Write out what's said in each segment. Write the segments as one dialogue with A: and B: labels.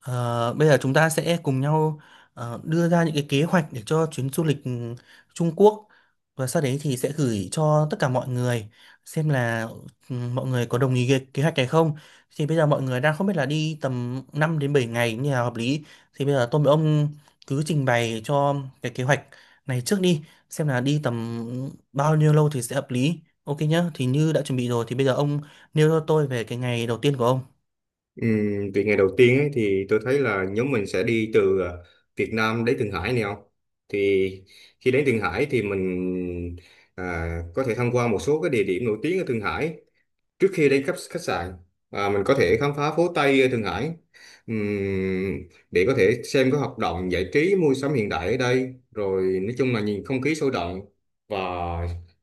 A: Ờ, Bây giờ chúng ta sẽ cùng nhau đưa ra những cái kế hoạch để cho chuyến du lịch Trung Quốc, và sau đấy thì sẽ gửi cho tất cả mọi người xem là mọi người có đồng ý cái kế hoạch này không. Thì bây giờ mọi người đang không biết là đi tầm 5 đến 7 ngày như là hợp lý. Thì bây giờ tôi với ông cứ trình bày cho cái kế hoạch này trước đi, xem là đi tầm bao nhiêu lâu thì sẽ hợp lý. Ok nhá, thì như đã chuẩn bị rồi thì bây giờ ông nêu cho tôi về cái ngày đầu tiên của ông.
B: Ừ, vậy ngày đầu tiên ấy, thì tôi thấy là nhóm mình sẽ đi từ Việt Nam đến Thượng Hải, này không? Thì khi đến Thượng Hải thì mình có thể tham quan một số cái địa điểm nổi tiếng ở Thượng Hải trước khi đến khách khách sạn. Mình có thể khám phá phố Tây ở Thượng Hải. Ừm, để có thể xem các hoạt động giải trí, mua sắm hiện đại ở đây, rồi nói chung là nhìn không khí sôi động và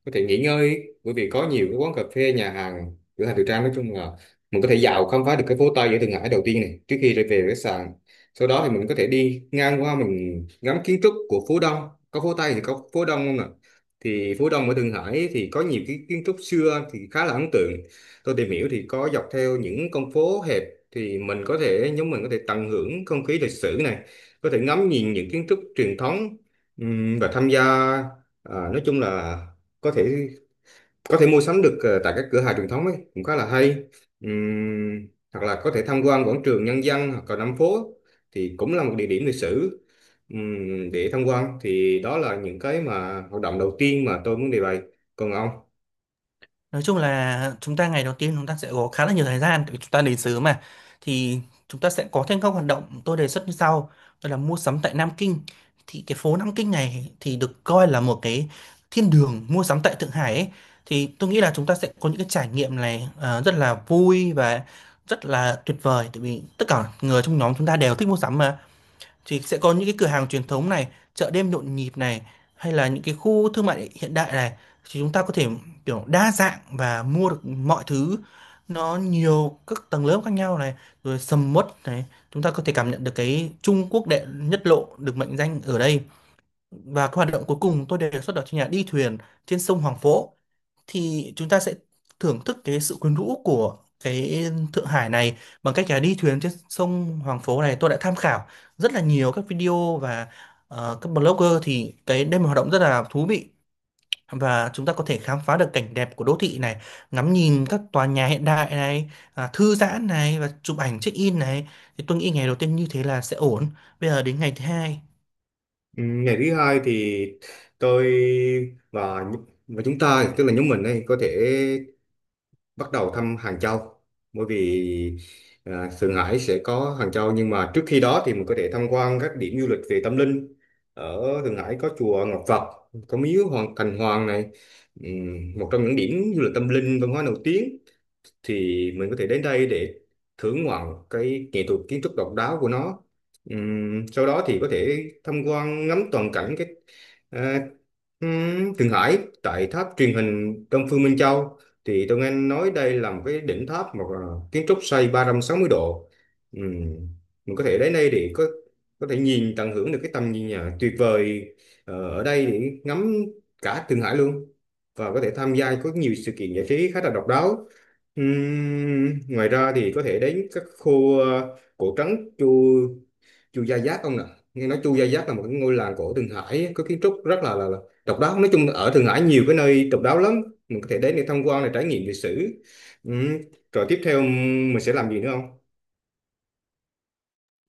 B: có thể nghỉ ngơi, bởi vì có nhiều cái quán cà phê, nhà hàng, cửa hàng thời trang. Nói chung là mình có thể dạo khám phá được cái phố Tây ở Thượng Hải đầu tiên này trước khi trở về khách sạn. Sau đó thì mình có thể đi ngang qua, mình ngắm kiến trúc của phố Đông. Có phố Tây thì có phố Đông, không ạ? Thì phố Đông ở Thượng Hải thì có nhiều cái kiến trúc xưa thì khá là ấn tượng. Tôi tìm hiểu thì có dọc theo những con phố hẹp thì mình có thể, nhóm mình có thể tận hưởng không khí lịch sử này, có thể ngắm nhìn những kiến trúc truyền thống, và tham gia nói chung là có thể có thể mua sắm được tại các cửa hàng truyền thống ấy cũng khá là hay. Hoặc là có thể tham quan quảng trường Nhân dân hoặc là Nam phố thì cũng là một địa điểm lịch sử, để tham quan. Thì đó là những cái mà hoạt động đầu tiên mà tôi muốn đề bày. Còn ông?
A: Nói chung là chúng ta ngày đầu tiên chúng ta sẽ có khá là nhiều thời gian tại vì chúng ta đến sớm mà, thì chúng ta sẽ có thêm các hoạt động tôi đề xuất như sau, đó là mua sắm tại Nam Kinh. Thì cái phố Nam Kinh này thì được coi là một cái thiên đường mua sắm tại Thượng Hải ấy. Thì tôi nghĩ là chúng ta sẽ có những cái trải nghiệm này rất là vui và rất là tuyệt vời, tại vì tất cả người trong nhóm chúng ta đều thích mua sắm mà, thì sẽ có những cái cửa hàng truyền thống này, chợ đêm nhộn nhịp này, hay là những cái khu thương mại hiện đại này, thì chúng ta có thể kiểu đa dạng và mua được mọi thứ, nó nhiều các tầng lớp khác nhau này, rồi sầm uất này. Chúng ta có thể cảm nhận được cái Trung Quốc đệ nhất lộ được mệnh danh ở đây. Và cái hoạt động cuối cùng tôi đề xuất đó chính là đi thuyền trên sông Hoàng Phố. Thì chúng ta sẽ thưởng thức cái sự quyến rũ của cái Thượng Hải này bằng cách là đi thuyền trên sông Hoàng Phố này. Tôi đã tham khảo rất là nhiều các video và các blogger, thì cái đây là một hoạt động rất là thú vị, và chúng ta có thể khám phá được cảnh đẹp của đô thị này, ngắm nhìn các tòa nhà hiện đại này, thư giãn này, và chụp ảnh check in này. Thì tôi nghĩ ngày đầu tiên như thế là sẽ ổn. Bây giờ đến ngày thứ hai.
B: Ừ, ngày thứ hai thì tôi và chúng ta, tức là nhóm mình ấy, có thể bắt đầu thăm Hàng Châu, bởi vì Thượng Hải sẽ có Hàng Châu. Nhưng mà trước khi đó thì mình có thể tham quan các điểm du lịch về tâm linh ở Thượng Hải, có chùa Ngọc Phật, có miếu Hoàng Thành Hoàng này. Một trong những điểm du lịch tâm linh văn hóa nổi tiếng thì mình có thể đến đây để thưởng ngoạn cái nghệ thuật kiến trúc độc đáo của nó. Sau đó thì có thể tham quan ngắm toàn cảnh cái à, Thượng Hải tại tháp truyền hình Đông Phương Minh Châu. Thì tôi nghe nói đây là một cái đỉnh tháp mà kiến trúc xoay 360°. Ừm, mình có thể đến đây để có thể nhìn, tận hưởng được cái tầm nhìn tuyệt vời ở đây, để ngắm cả Thượng Hải luôn, và có thể tham gia có nhiều sự kiện giải trí khá là độc đáo. Ngoài ra thì có thể đến các khu cổ trấn Chu Chu Gia Giáp ông nè. Nghe nói Chu Gia Giáp là một cái ngôi làng cổ Thượng Hải, có kiến trúc rất là độc đáo. Nói chung là ở Thượng Hải nhiều cái nơi độc đáo lắm, mình có thể đến để tham quan, để trải nghiệm lịch sử. Ừm, Rồi tiếp theo mình sẽ làm gì nữa không?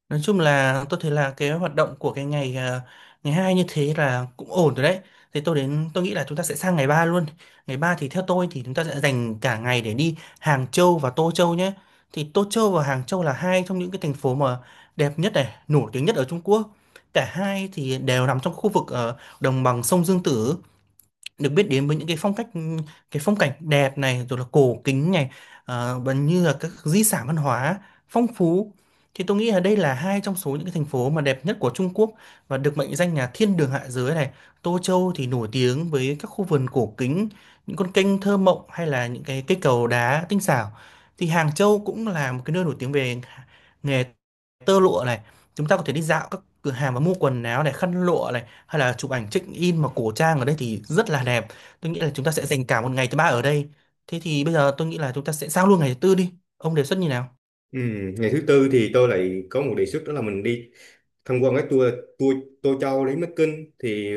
A: Nói chung là tôi thấy là cái hoạt động của cái ngày hai như thế là cũng ổn rồi đấy. Thế tôi đến tôi nghĩ là chúng ta sẽ sang ngày 3 luôn. Ngày 3 thì theo tôi thì chúng ta sẽ dành cả ngày để đi Hàng Châu và Tô Châu nhé. Thì Tô Châu và Hàng Châu là hai trong những cái thành phố mà đẹp nhất này, nổi tiếng nhất ở Trung Quốc. Cả hai thì đều nằm trong khu vực ở đồng bằng sông Dương Tử, được biết đến với những cái phong cảnh đẹp này, rồi là cổ kính này, và như là các di sản văn hóa phong phú. Thì tôi nghĩ là đây là hai trong số những cái thành phố mà đẹp nhất của Trung Quốc và được mệnh danh là thiên đường hạ giới này. Tô Châu thì nổi tiếng với các khu vườn cổ kính, những con kênh thơ mộng, hay là những cái cây cầu đá tinh xảo. Thì Hàng Châu cũng là một cái nơi nổi tiếng về nghề tơ lụa này, chúng ta có thể đi dạo các cửa hàng và mua quần áo này, khăn lụa này, hay là chụp ảnh check in mà cổ trang ở đây thì rất là đẹp. Tôi nghĩ là chúng ta sẽ dành cả một ngày thứ ba ở đây. Thế thì bây giờ tôi nghĩ là chúng ta sẽ sang luôn ngày thứ tư, đi ông đề xuất như nào.
B: Ngày thứ tư thì tôi lại có một đề xuất, đó là mình đi tham quan cái tour tour Tô Châu đến Bắc Kinh. Thì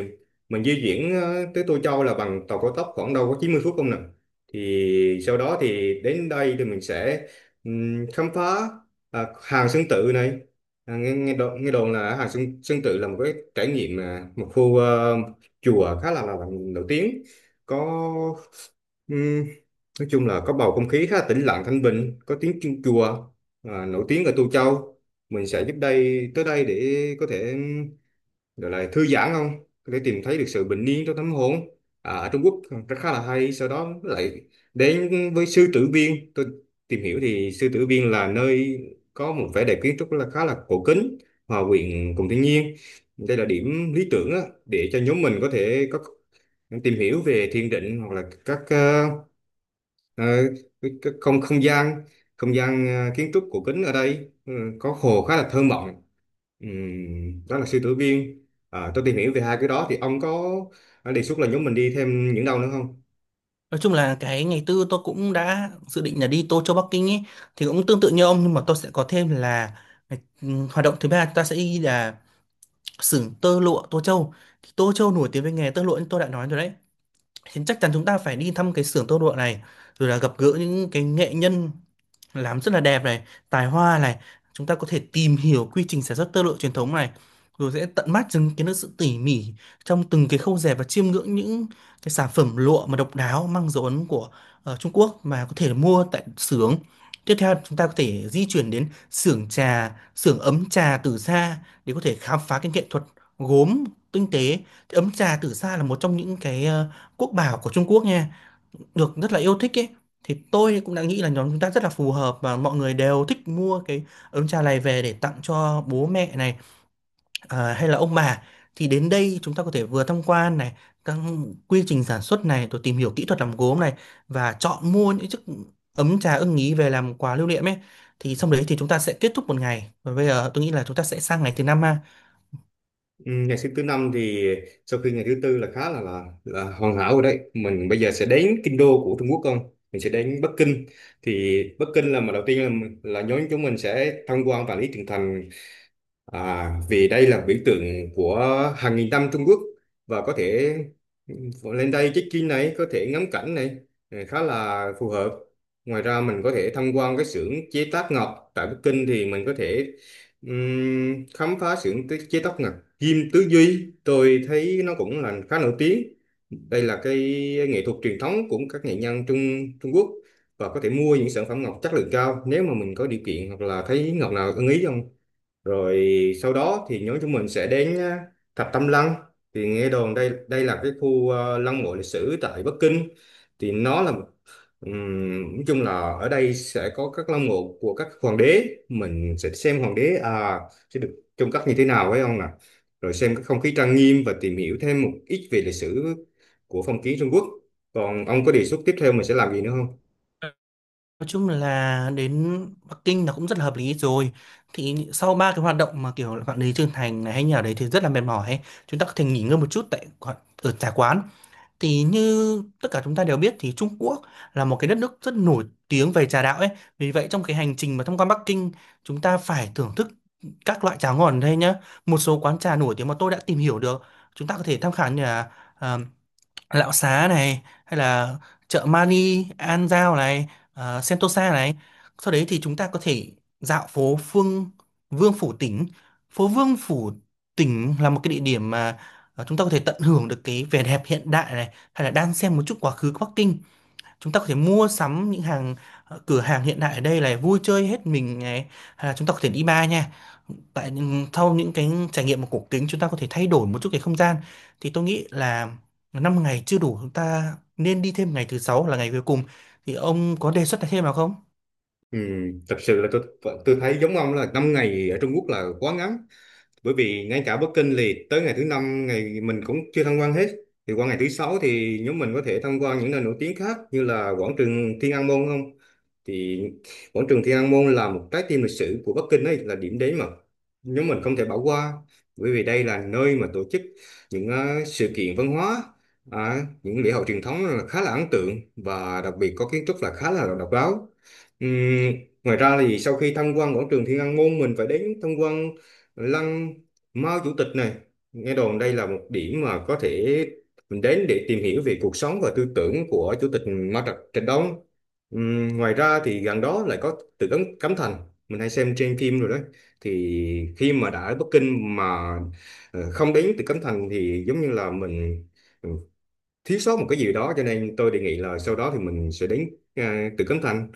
B: mình di chuyển tới Tô Châu là bằng tàu cao tốc, khoảng đâu có 90 phút không nè. Thì sau đó thì đến đây thì mình sẽ khám phá Hàng Sơn Tự này. À, nghe nghe đồn, nghe đồn là Hàng Sơn Tự là một cái trải nghiệm, một khu chùa khá là nổi tiếng, có, nói chung là có bầu không khí khá tĩnh lặng, thanh bình, có tiếng chuông chùa nổi tiếng ở Tô Châu. Mình sẽ giúp đây, tới đây để có thể gọi là thư giãn không, có thể tìm thấy được sự bình yên trong tâm hồn ở Trung Quốc, rất khá là hay. Sau đó lại đến với Sư Tử Viên. Tôi tìm hiểu thì Sư Tử Viên là nơi có một vẻ đẹp kiến trúc là khá là cổ kính, hòa quyện cùng thiên nhiên. Đây là điểm lý tưởng á, để cho nhóm mình có thể có, tìm hiểu về thiền định hoặc là các ờ, Ờ, cái không không gian, không gian kiến trúc cổ kính ở đây, ừ, có hồ khá là thơ mộng. Đó là Sư Tử Viên. Tôi tìm hiểu về hai cái đó, thì ông có đề xuất là nhóm mình đi thêm những đâu nữa không?
A: Nói chung là cái ngày tư tôi cũng đã dự định là đi Tô Châu Bắc Kinh ấy, thì cũng tương tự như ông, nhưng mà tôi sẽ có thêm là hoạt động thứ ba chúng ta sẽ đi là xưởng tơ lụa Tô Châu. Thì Tô Châu nổi tiếng với nghề tơ lụa như tôi đã nói rồi đấy, thì chắc chắn chúng ta phải đi thăm cái xưởng tơ lụa này, rồi là gặp gỡ những cái nghệ nhân làm rất là đẹp này, tài hoa này. Chúng ta có thể tìm hiểu quy trình sản xuất tơ lụa truyền thống này, rồi sẽ tận mắt chứng kiến được sự tỉ mỉ trong từng cái khâu dệt, và chiêm ngưỡng những cái sản phẩm lụa mà độc đáo mang dấu ấn của Trung Quốc mà có thể mua tại xưởng. Tiếp theo chúng ta có thể di chuyển đến xưởng ấm trà tử sa để có thể khám phá cái nghệ thuật gốm tinh tế. Thì ấm trà tử sa là một trong những cái quốc bảo của Trung Quốc nha, được rất là yêu thích ấy. Thì tôi cũng đã nghĩ là nhóm chúng ta rất là phù hợp và mọi người đều thích mua cái ấm trà này về để tặng cho bố mẹ này, hay là ông bà. Thì đến đây chúng ta có thể vừa tham quan này các quy trình sản xuất này, rồi tìm hiểu kỹ thuật làm gốm này, và chọn mua những chiếc ấm trà ưng ý về làm quà lưu niệm ấy. Thì xong đấy thì chúng ta sẽ kết thúc một ngày, và bây giờ tôi nghĩ là chúng ta sẽ sang ngày thứ năm ha.
B: Ngày thứ thứ năm thì sau khi ngày thứ tư là khá là hoàn hảo rồi đấy, mình bây giờ sẽ đến kinh đô của Trung Quốc không, mình sẽ đến Bắc Kinh. Thì Bắc Kinh là, mà đầu tiên là nhóm chúng mình sẽ tham quan Vạn Lý Trường Thành. À, vì đây là biểu tượng của hàng nghìn năm Trung Quốc, và có thể, ừ, lên đây check-in này, có thể ngắm cảnh này, ừ, khá là phù hợp. Ngoài ra mình có thể tham quan cái xưởng chế tác ngọc tại Bắc Kinh. Thì mình có thể khám phá xưởng chế tác ngọc Kim Tứ Duy. Tôi thấy nó cũng là khá nổi tiếng. Đây là cái nghệ thuật truyền thống của các nghệ nhân Trung Trung Quốc, và có thể mua những sản phẩm ngọc chất lượng cao nếu mà mình có điều kiện hoặc là thấy ngọc nào ưng ý, không? Rồi sau đó thì nhóm chúng mình sẽ đến Thập Tam Lăng. Thì nghe đồn đây đây là cái khu lăng mộ lịch sử tại Bắc Kinh. Thì nó là, nói chung là ở đây sẽ có các lăng mộ của các hoàng đế, mình sẽ xem hoàng đế à, sẽ được trông cất như thế nào, phải không nè. Rồi xem cái không khí trang nghiêm và tìm hiểu thêm một ít về lịch sử của phong kiến Trung Quốc. Còn ông có đề xuất tiếp theo mình sẽ làm gì nữa không?
A: Nói chung là đến Bắc Kinh là cũng rất là hợp lý rồi. Thì sau ba cái hoạt động mà kiểu là bạn đến Trương Thành này hay nhà đấy thì rất là mệt mỏi ấy. Chúng ta có thể nghỉ ngơi một chút ở trà quán. Thì như tất cả chúng ta đều biết thì Trung Quốc là một cái đất nước rất nổi tiếng về trà đạo ấy. Vì vậy trong cái hành trình mà thông qua Bắc Kinh, chúng ta phải thưởng thức các loại trà ngon ở đây nhá. Một số quán trà nổi tiếng mà tôi đã tìm hiểu được chúng ta có thể tham khảo như là ờ, Lão Xá này, hay là chợ Mani An Giao này, Sentosa này. Sau đấy thì chúng ta có thể dạo phố Phương Vương Phủ Tỉnh. Phố Vương Phủ Tỉnh là một cái địa điểm mà chúng ta có thể tận hưởng được cái vẻ đẹp hiện đại này, hay là đang xem một chút quá khứ của Bắc Kinh. Chúng ta có thể mua sắm những cửa hàng hiện đại ở đây này, vui chơi hết mình này, hay là chúng ta có thể đi bar nha. Tại sau những cái trải nghiệm của cổ kính, chúng ta có thể thay đổi một chút cái không gian. Thì tôi nghĩ là 5 ngày chưa đủ, chúng ta nên đi thêm ngày thứ sáu là ngày cuối cùng. Thì ông có đề xuất thêm nào không?
B: Thật sự là tôi thấy giống ông, là 5 ngày ở Trung Quốc là quá ngắn, bởi vì ngay cả booking thì tới ngày thứ 5 ngày mình cũng chưa tham quan hết. Thì qua ngày thứ sáu thì nhóm mình có thể tham quan những nơi nổi tiếng khác, như là quảng trường Thiên An Môn không. Thì quảng trường Thiên An Môn là một trái tim lịch sử của Bắc Kinh ấy, là điểm đến mà nhóm mình không thể bỏ qua, bởi vì đây là nơi mà tổ chức những sự kiện văn hóa, những lễ hội truyền thống là khá là ấn tượng, và đặc biệt có kiến trúc là khá là độc đáo. Ừm, Ngoài ra thì sau khi tham quan quảng trường Thiên An Môn, mình phải đến tham quan lăng Mao Chủ tịch này. Nghe đồn đây là một điểm mà có thể mình đến để tìm hiểu về cuộc sống và tư tưởng của Chủ tịch Mao Trạch Trạch Đông. Ngoài ra thì gần đó lại có tự cấm Cấm Thành, mình hay xem trên phim rồi đó. Thì khi mà đã ở Bắc Kinh mà không đến Tự Cấm Thành thì giống như là mình, ừ, thiếu sót một cái gì đó, cho nên tôi đề nghị là sau đó thì mình sẽ đến Tử Cấm Thành,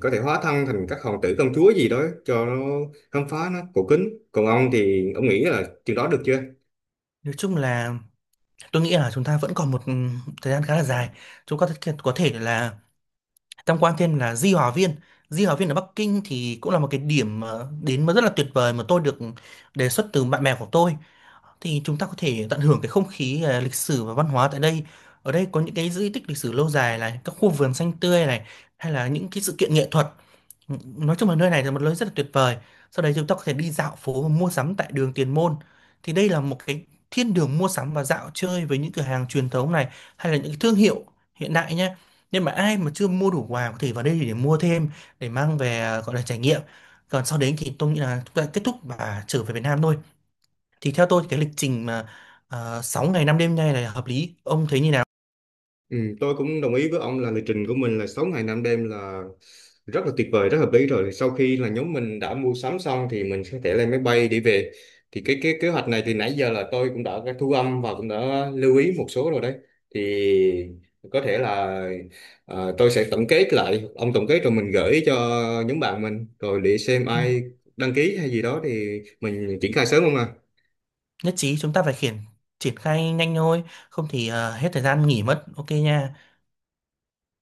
B: có thể hóa thân thành các hoàng tử, công chúa gì đó, cho nó khám phá, nó cổ kính. Còn ông thì ông nghĩ là chừng đó được chưa?
A: Nói chung là tôi nghĩ là chúng ta vẫn còn một thời gian khá là dài. Chúng ta có thể là tham quan thêm là Di Hòa Viên. Di Hòa Viên ở Bắc Kinh thì cũng là một cái điểm đến mà rất là tuyệt vời, mà tôi được đề xuất từ bạn bè của tôi. Thì chúng ta có thể tận hưởng cái không khí lịch sử và văn hóa tại đây. Ở đây có những cái di tích lịch sử lâu dài này, các khu vườn xanh tươi này, hay là những cái sự kiện nghệ thuật. Nói chung là nơi này là một nơi rất là tuyệt vời. Sau đấy chúng ta có thể đi dạo phố và mua sắm tại đường Tiền Môn. Thì đây là một cái thiên đường mua sắm và dạo chơi với những cửa hàng truyền thống này, hay là những cái thương hiệu hiện đại nhé. Nhưng mà ai mà chưa mua đủ quà có thể vào đây để mua thêm, để mang về, gọi là trải nghiệm. Còn sau đấy thì tôi nghĩ là chúng ta kết thúc và trở về Việt Nam thôi. Thì theo tôi thì cái lịch trình mà 6 ngày 5 đêm này là hợp lý, ông thấy như nào?
B: Ừ, tôi cũng đồng ý với ông là lịch trình của mình là 6 ngày 5 đêm là rất là tuyệt vời, rất hợp lý rồi. Sau khi là nhóm mình đã mua sắm xong thì mình sẽ thể lên máy bay để về. Thì cái kế hoạch này thì nãy giờ là tôi cũng đã thu âm và cũng đã lưu ý một số rồi đấy. Thì có thể là tôi sẽ tổng kết lại, ông tổng kết, rồi mình gửi cho nhóm bạn mình, rồi để xem
A: Ừ.
B: ai đăng ký hay gì đó thì mình triển khai sớm, không à?
A: Nhất trí, chúng ta phải triển khai nhanh thôi, không thì hết thời gian nghỉ mất. Ok nha.